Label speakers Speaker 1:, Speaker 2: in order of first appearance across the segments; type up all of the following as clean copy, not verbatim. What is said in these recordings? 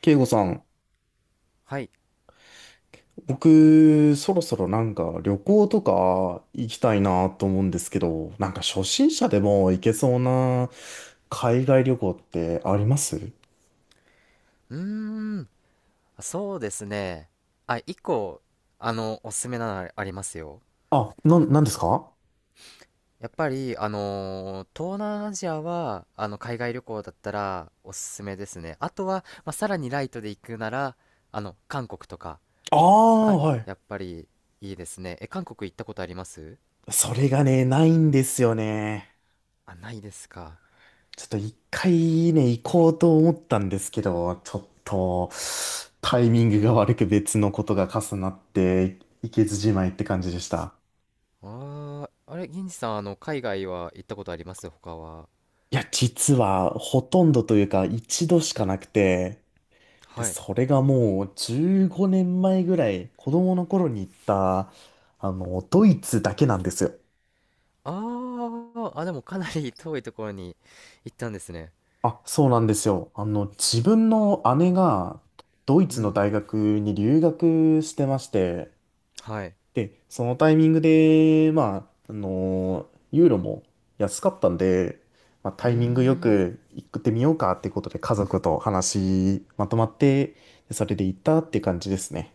Speaker 1: 慶吾さん、
Speaker 2: はい。
Speaker 1: 僕、そろそろなんか旅行とか行きたいなと思うんですけど、なんか初心者でも行けそうな海外旅行ってあります？
Speaker 2: うーん、そうですね。あ、一個、おすすめなのありますよ。
Speaker 1: あ、な、なんですか？
Speaker 2: やっぱり、東南アジアは、海外旅行だったらおすすめですね。あとは、まあ、さらにライトで行くなら、韓国とか
Speaker 1: ああー、
Speaker 2: は
Speaker 1: はい。
Speaker 2: やっぱりいいですね。え、韓国行ったことあります？
Speaker 1: それがね、ないんですよね。
Speaker 2: あ、ないですか。
Speaker 1: ちょっと一回ね、行こうと思ったんですけど、ちょっとタイミングが悪く別のことが重なって、行けずじまいって感じでした。
Speaker 2: あああれ、銀次さん、海外は行ったことあります？他は？
Speaker 1: いや、実はほとんどというか一度しかなくて、で、
Speaker 2: はい。
Speaker 1: それがもう15年前ぐらい子供の頃に行った、ドイツだけなんですよ。
Speaker 2: あー、あ、でもかなり遠いところに行ったんですね。
Speaker 1: あ、そうなんですよ。あの、自分の姉がドイ
Speaker 2: う
Speaker 1: ツの
Speaker 2: ん、
Speaker 1: 大学に留学してまして、
Speaker 2: はい。
Speaker 1: で、そのタイミングで、ユーロも安かったんで、まあ、
Speaker 2: う
Speaker 1: タ
Speaker 2: ー
Speaker 1: イミングよ
Speaker 2: ん。
Speaker 1: く行ってみようかってことで家族と話まとまって、でそれで行ったって感じですね。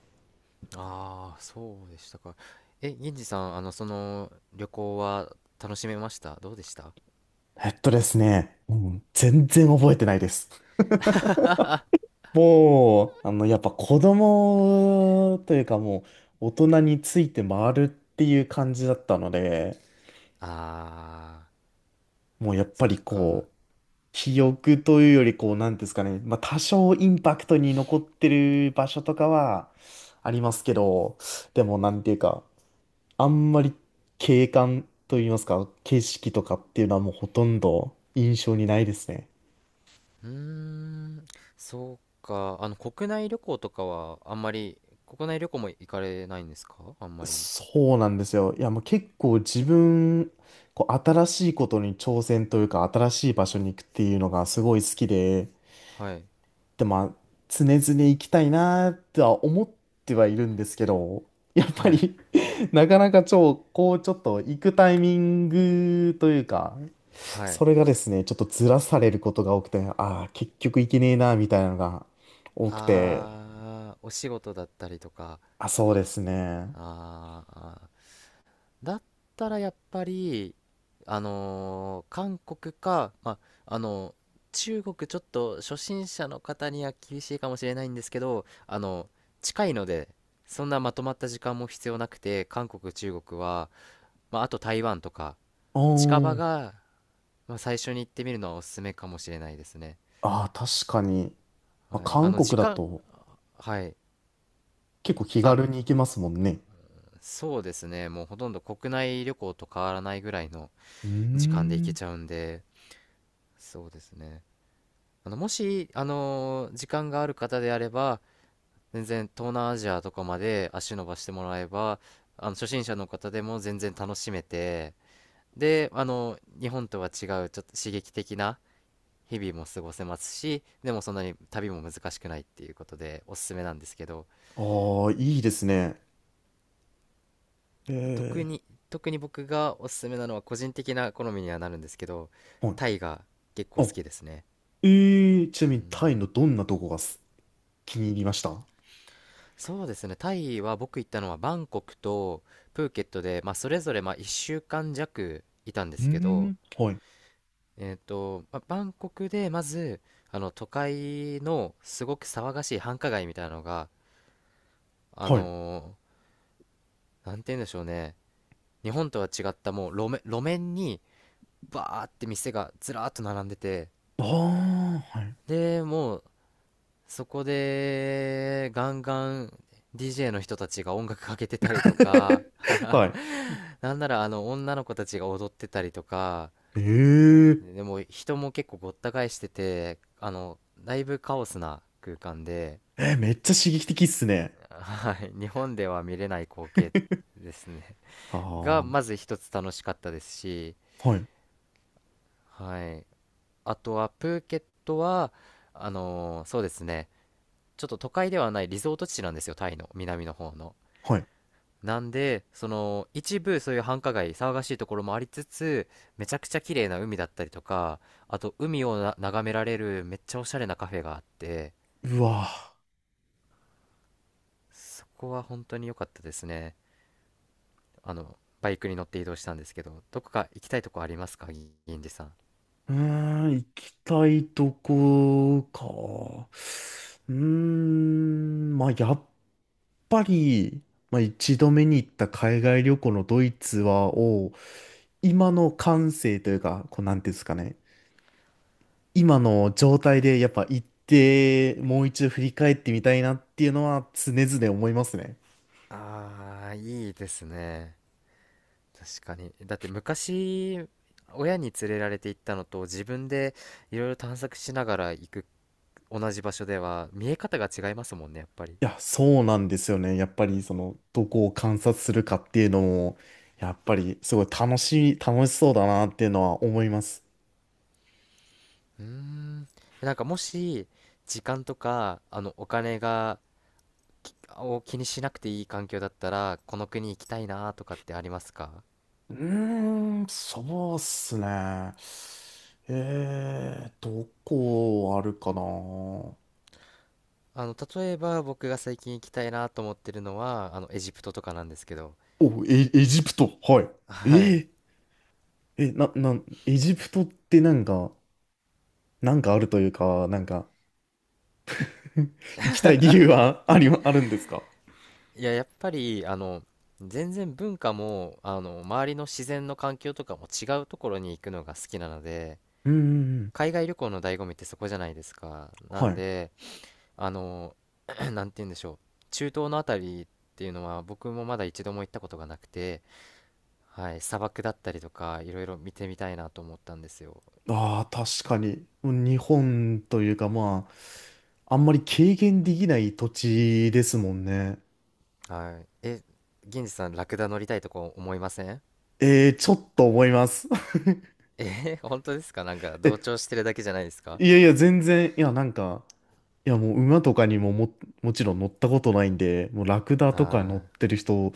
Speaker 2: ああ、そうでしたか。え、銀次さん、旅行は楽しめました？どうでした？
Speaker 1: うん、全然覚えてないです。もう、あの、やっぱ子供というかもう大人について回るっていう感じだったので、
Speaker 2: ああ
Speaker 1: も
Speaker 2: ー、
Speaker 1: うやっぱ
Speaker 2: そっ
Speaker 1: り
Speaker 2: か。
Speaker 1: こう、記憶というより、こう、なんていうんですかね、まあ、多少インパクトに残ってる場所とかはありますけど、でも、なんていうか、あんまり景観といいますか、景色とかっていうのはもうほとんど印象にないですね。
Speaker 2: うーん、そうか。国内旅行とかは、あんまり、国内旅行も行かれないんですか、あんまり。
Speaker 1: そうなんですよ。いや、もう結構自分、こう、新しいことに挑戦というか、新しい場所に行くっていうのがすごい好きで、
Speaker 2: はい。
Speaker 1: で、まあ、常々行きたいなとは思ってはいるんですけど、やっぱ
Speaker 2: はい。
Speaker 1: り なかなか超、こう、ちょっと行くタイミングというか、
Speaker 2: はい。
Speaker 1: それがですね、ちょっとずらされることが多くて、ああ、結局行けねえな、みたいなのが多くて、
Speaker 2: ああ、お仕事だったりとか。
Speaker 1: あ、そうですね。
Speaker 2: ああ、だったらやっぱり、韓国か、まあ、中国ちょっと初心者の方には厳しいかもしれないんですけど、近いので、そんなまとまった時間も必要なくて、韓国、中国は、まあ、あと台湾とか、
Speaker 1: う
Speaker 2: 近場
Speaker 1: ーん。
Speaker 2: が、まあ、最初に行ってみるのはおすすめかもしれないですね。
Speaker 1: ああ、確かに。まあ、
Speaker 2: はい。
Speaker 1: 韓
Speaker 2: 時
Speaker 1: 国だ
Speaker 2: 間、
Speaker 1: と
Speaker 2: はい。
Speaker 1: 結構気
Speaker 2: あ、
Speaker 1: 軽に行けますもんね。
Speaker 2: そうですね。もうほとんど国内旅行と変わらないぐらいの
Speaker 1: うー
Speaker 2: 時間で行け
Speaker 1: ん。
Speaker 2: ちゃうんで、そうですね。もし、時間がある方であれば、全然東南アジアとかまで足伸ばしてもらえば、初心者の方でも全然楽しめて、で、日本とは違う、ちょっと刺激的な日々も過ごせますし、でもそんなに旅も難しくないっていうことで、おすすめなんですけど、
Speaker 1: ああ、いいですね。
Speaker 2: 特
Speaker 1: え
Speaker 2: に、特に僕がおすすめなのは個人的な好みにはなるんですけど、
Speaker 1: え。は
Speaker 2: タイが結構
Speaker 1: い。
Speaker 2: 好きですね。
Speaker 1: ええーちな
Speaker 2: う
Speaker 1: みにタイの
Speaker 2: ん。
Speaker 1: どんなとこがす気に入りました？は
Speaker 2: そうですね。タイは僕行ったのはバンコクとプーケットで、まあ、それぞれまあ1週間弱いたんで
Speaker 1: うー
Speaker 2: すけど、
Speaker 1: ん。はい。
Speaker 2: まあ、バンコクでまず都会のすごく騒がしい繁華街みたいなのが、あ
Speaker 1: はい。
Speaker 2: のなんて言うんでしょうね。日本とは違ったもう路面にバーって店がずらーっと並んでて、
Speaker 1: ああ、はい。
Speaker 2: で、もうそこでガンガン DJ の人たちが音楽かけてたりとか、
Speaker 1: はい。
Speaker 2: なんならあの女の子たちが踊ってたりとか、
Speaker 1: え
Speaker 2: でも人も結構ごった返してて、だいぶカオスな空間で、
Speaker 1: ええー、めっちゃ刺激的っすね。
Speaker 2: はい、日本では見れない光景ですね。
Speaker 1: ああ、
Speaker 2: が、
Speaker 1: は
Speaker 2: まず一つ楽しかったですし、
Speaker 1: い。
Speaker 2: はい。あとはプーケットは、そうですね、ちょっと都会ではないリゾート地なんですよ、タイの南の方の。
Speaker 1: はい。
Speaker 2: なんで、一部そういう繁華街、騒がしいところもありつつ、めちゃくちゃ綺麗な海だったりとか、あと海を眺められるめっちゃおしゃれなカフェがあって、
Speaker 1: うわ。
Speaker 2: そこは本当に良かったですね。バイクに乗って移動したんですけど、どこか行きたいとこありますか、銀次さん。
Speaker 1: うーん、行きたいとこか。うーん、まあ、やっぱり、まあ、一度目に行った海外旅行のドイツは、を、今の感性というか、こう、なんていうんですかね。今の状態でやっぱ行って、もう一度振り返ってみたいなっていうのは常々思いますね。
Speaker 2: ああ、いいですね。確かに。だって昔、親に連れられて行ったのと、自分でいろいろ探索しながら行く同じ場所では、見え方が違いますもんね、やっぱり。
Speaker 1: いや、そうなんですよね。やっぱりその、どこを観察するかっていうのも、やっぱりすごい楽しい、楽しそうだなっていうのは思います。
Speaker 2: うーん。なんかもし、時間とか、お金が、気にしなくていい環境だったら、この国行きたいなとかってありますか？
Speaker 1: うーん、そうっすね。えー、どこあるかな。お、
Speaker 2: 例えば僕が最近行きたいなと思ってるのは、エジプトとかなんですけど。
Speaker 1: エ、エジプト。はい。
Speaker 2: はい。
Speaker 1: えー、え、な、な、エジプトってなんか、なんかあるというか、なんか、行きたい理由はあり、あるんですか？
Speaker 2: いや、やっぱり、全然文化も、周りの自然の環境とかも違うところに行くのが好きなので、
Speaker 1: うんうんうん。
Speaker 2: 海外旅行の醍醐味ってそこじゃないですか。な
Speaker 1: は
Speaker 2: ん
Speaker 1: い。
Speaker 2: で、あの、なんて言うんでしょう、中東のあたりっていうのは僕もまだ一度も行ったことがなくて、はい、砂漠だったりとかいろいろ見てみたいなと思ったんですよ。
Speaker 1: ああ、確かに。日本というか、まあ、あんまり軽減できない土地ですもんね。
Speaker 2: はい、銀次さんラクダ乗りたいとこ思いません？
Speaker 1: えー、ちょっと思います。
Speaker 2: 本当ですか？ なんか同
Speaker 1: え、
Speaker 2: 調してるだけじゃないですか？
Speaker 1: いやいや、全然、いや、なんか、いや、もう馬とかにもも、もちろん乗ったことないんで、もうラクダとか
Speaker 2: あ
Speaker 1: 乗ってる人、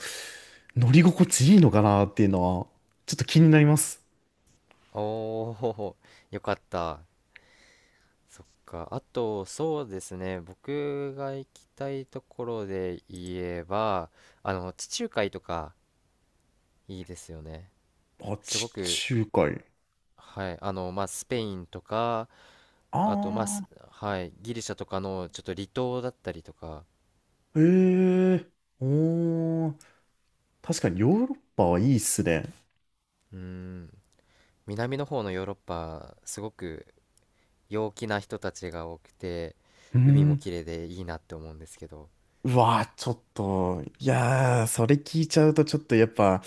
Speaker 1: 乗り心地いいのかなっていうのは、ちょっと気になります。
Speaker 2: あ、おお、よかった。そっか。あと、そうですね、僕が行きたいところで言えば、地中海とかいいですよね、
Speaker 1: あ、
Speaker 2: すご
Speaker 1: 地
Speaker 2: く。
Speaker 1: 中海。
Speaker 2: はい、まあ、スペインとか、
Speaker 1: あ
Speaker 2: あと、まあ、
Speaker 1: あ。
Speaker 2: はい、ギリシャとかのちょっと離島だったりとか、
Speaker 1: へえ、おー、確かにヨーロッパはいいっすね。
Speaker 2: うん、南の方のヨーロッパ、すごく陽気な人たちが多くて、
Speaker 1: う
Speaker 2: 海も
Speaker 1: ん。
Speaker 2: 綺麗でいいなって思うんですけど。
Speaker 1: うわー、ちょっと、いやー、それ聞いちゃうとちょっとやっぱ、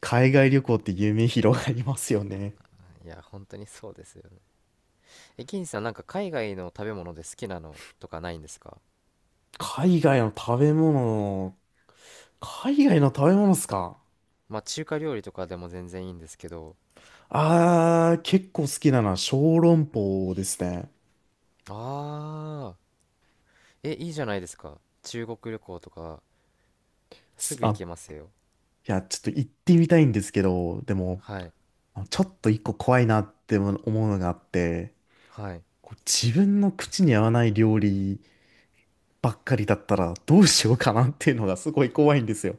Speaker 1: 海外旅行って夢広がりますよね。
Speaker 2: いや、本当にそうですよね。え、銀さん、なんか海外の食べ物で好きなのとかないんですか？
Speaker 1: 海外の食べ物、海外の食べ物っすか？
Speaker 2: まあ、中華料理とかでも全然いいんですけど、
Speaker 1: あー、結構好きなのは小籠包ですね。
Speaker 2: ああ、え、いいじゃないですか。中国旅行とか、す
Speaker 1: す
Speaker 2: ぐ行
Speaker 1: あ、
Speaker 2: けますよ。
Speaker 1: いや、ちょっと行ってみたいんですけど、でも、
Speaker 2: はい、
Speaker 1: ちょっと一個怖いなって思うのがあって、
Speaker 2: はい。
Speaker 1: こう自分の口に合わない料理ばっかりだったらどうしようかなっていうのがすごい怖いんですよ。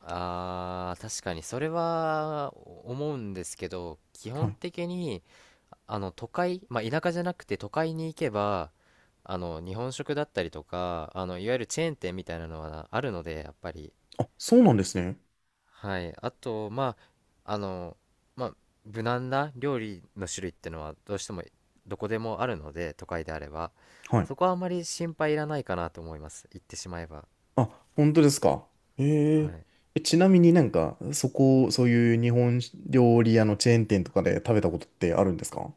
Speaker 2: あー、確かにそれは思うんですけど、基
Speaker 1: は
Speaker 2: 本
Speaker 1: い。
Speaker 2: 的に都会、まあ、田舎じゃなくて都会に行けば、日本食だったりとか、いわゆるチェーン店みたいなのはあるので、やっぱり。
Speaker 1: あ、そうなんですね。
Speaker 2: はい、あと、まあ、まあ、無難な料理の種類ってのはどうしてもどこでもあるので、都会であれば
Speaker 1: はい。
Speaker 2: そこはあまり心配いらないかなと思います、行ってしまえば。
Speaker 1: あ、本当ですか。へ
Speaker 2: は
Speaker 1: え
Speaker 2: い。
Speaker 1: え、ちなみになんか、そこ、そういう日本料理屋のチェーン店とかで食べたことってあるんですか？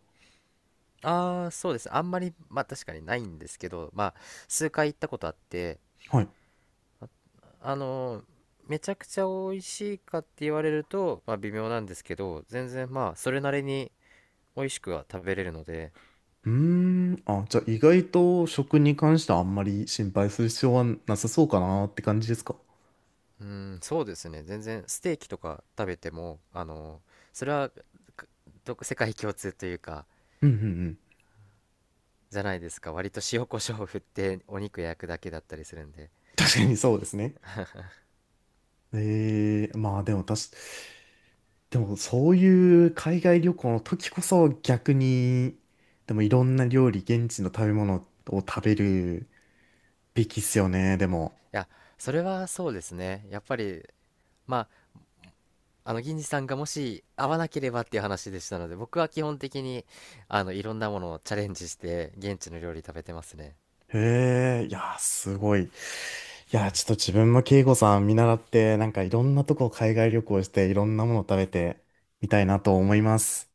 Speaker 2: ああ、そうです。あんまり、まあ確かにないんですけど、まあ数回行ったことあって、
Speaker 1: はい。
Speaker 2: あのーめちゃくちゃ美味しいかって言われると、まあ微妙なんですけど、全然まあそれなりに美味しくは食べれるので、
Speaker 1: うーん。あ、じゃあ意外と食に関してはあんまり心配する必要はなさそうかなって感じですか？
Speaker 2: うん、そうですね。全然ステーキとか食べても、それはか世界共通というか、
Speaker 1: うんうんうん。
Speaker 2: じゃないですか。割と塩コショウを振ってお肉焼くだけだったりするんで。
Speaker 1: 確かにそうですね。ええ、まあでも確か、でもそういう海外旅行の時こそ逆に、でもいろんな料理、現地の食べ物を食べるべきっすよね、で
Speaker 2: い
Speaker 1: も。
Speaker 2: や、それはそうですね。やっぱり、まあ銀次さんがもし合わなければっていう話でしたので、僕は基本的にいろんなものをチャレンジして現地の料理食べてますね。
Speaker 1: へえ、いや、すごい。いや、ちょっと自分も慶吾さん見習って、なんかいろんなとこ海外旅行して、いろんなもの食べてみたいなと思います。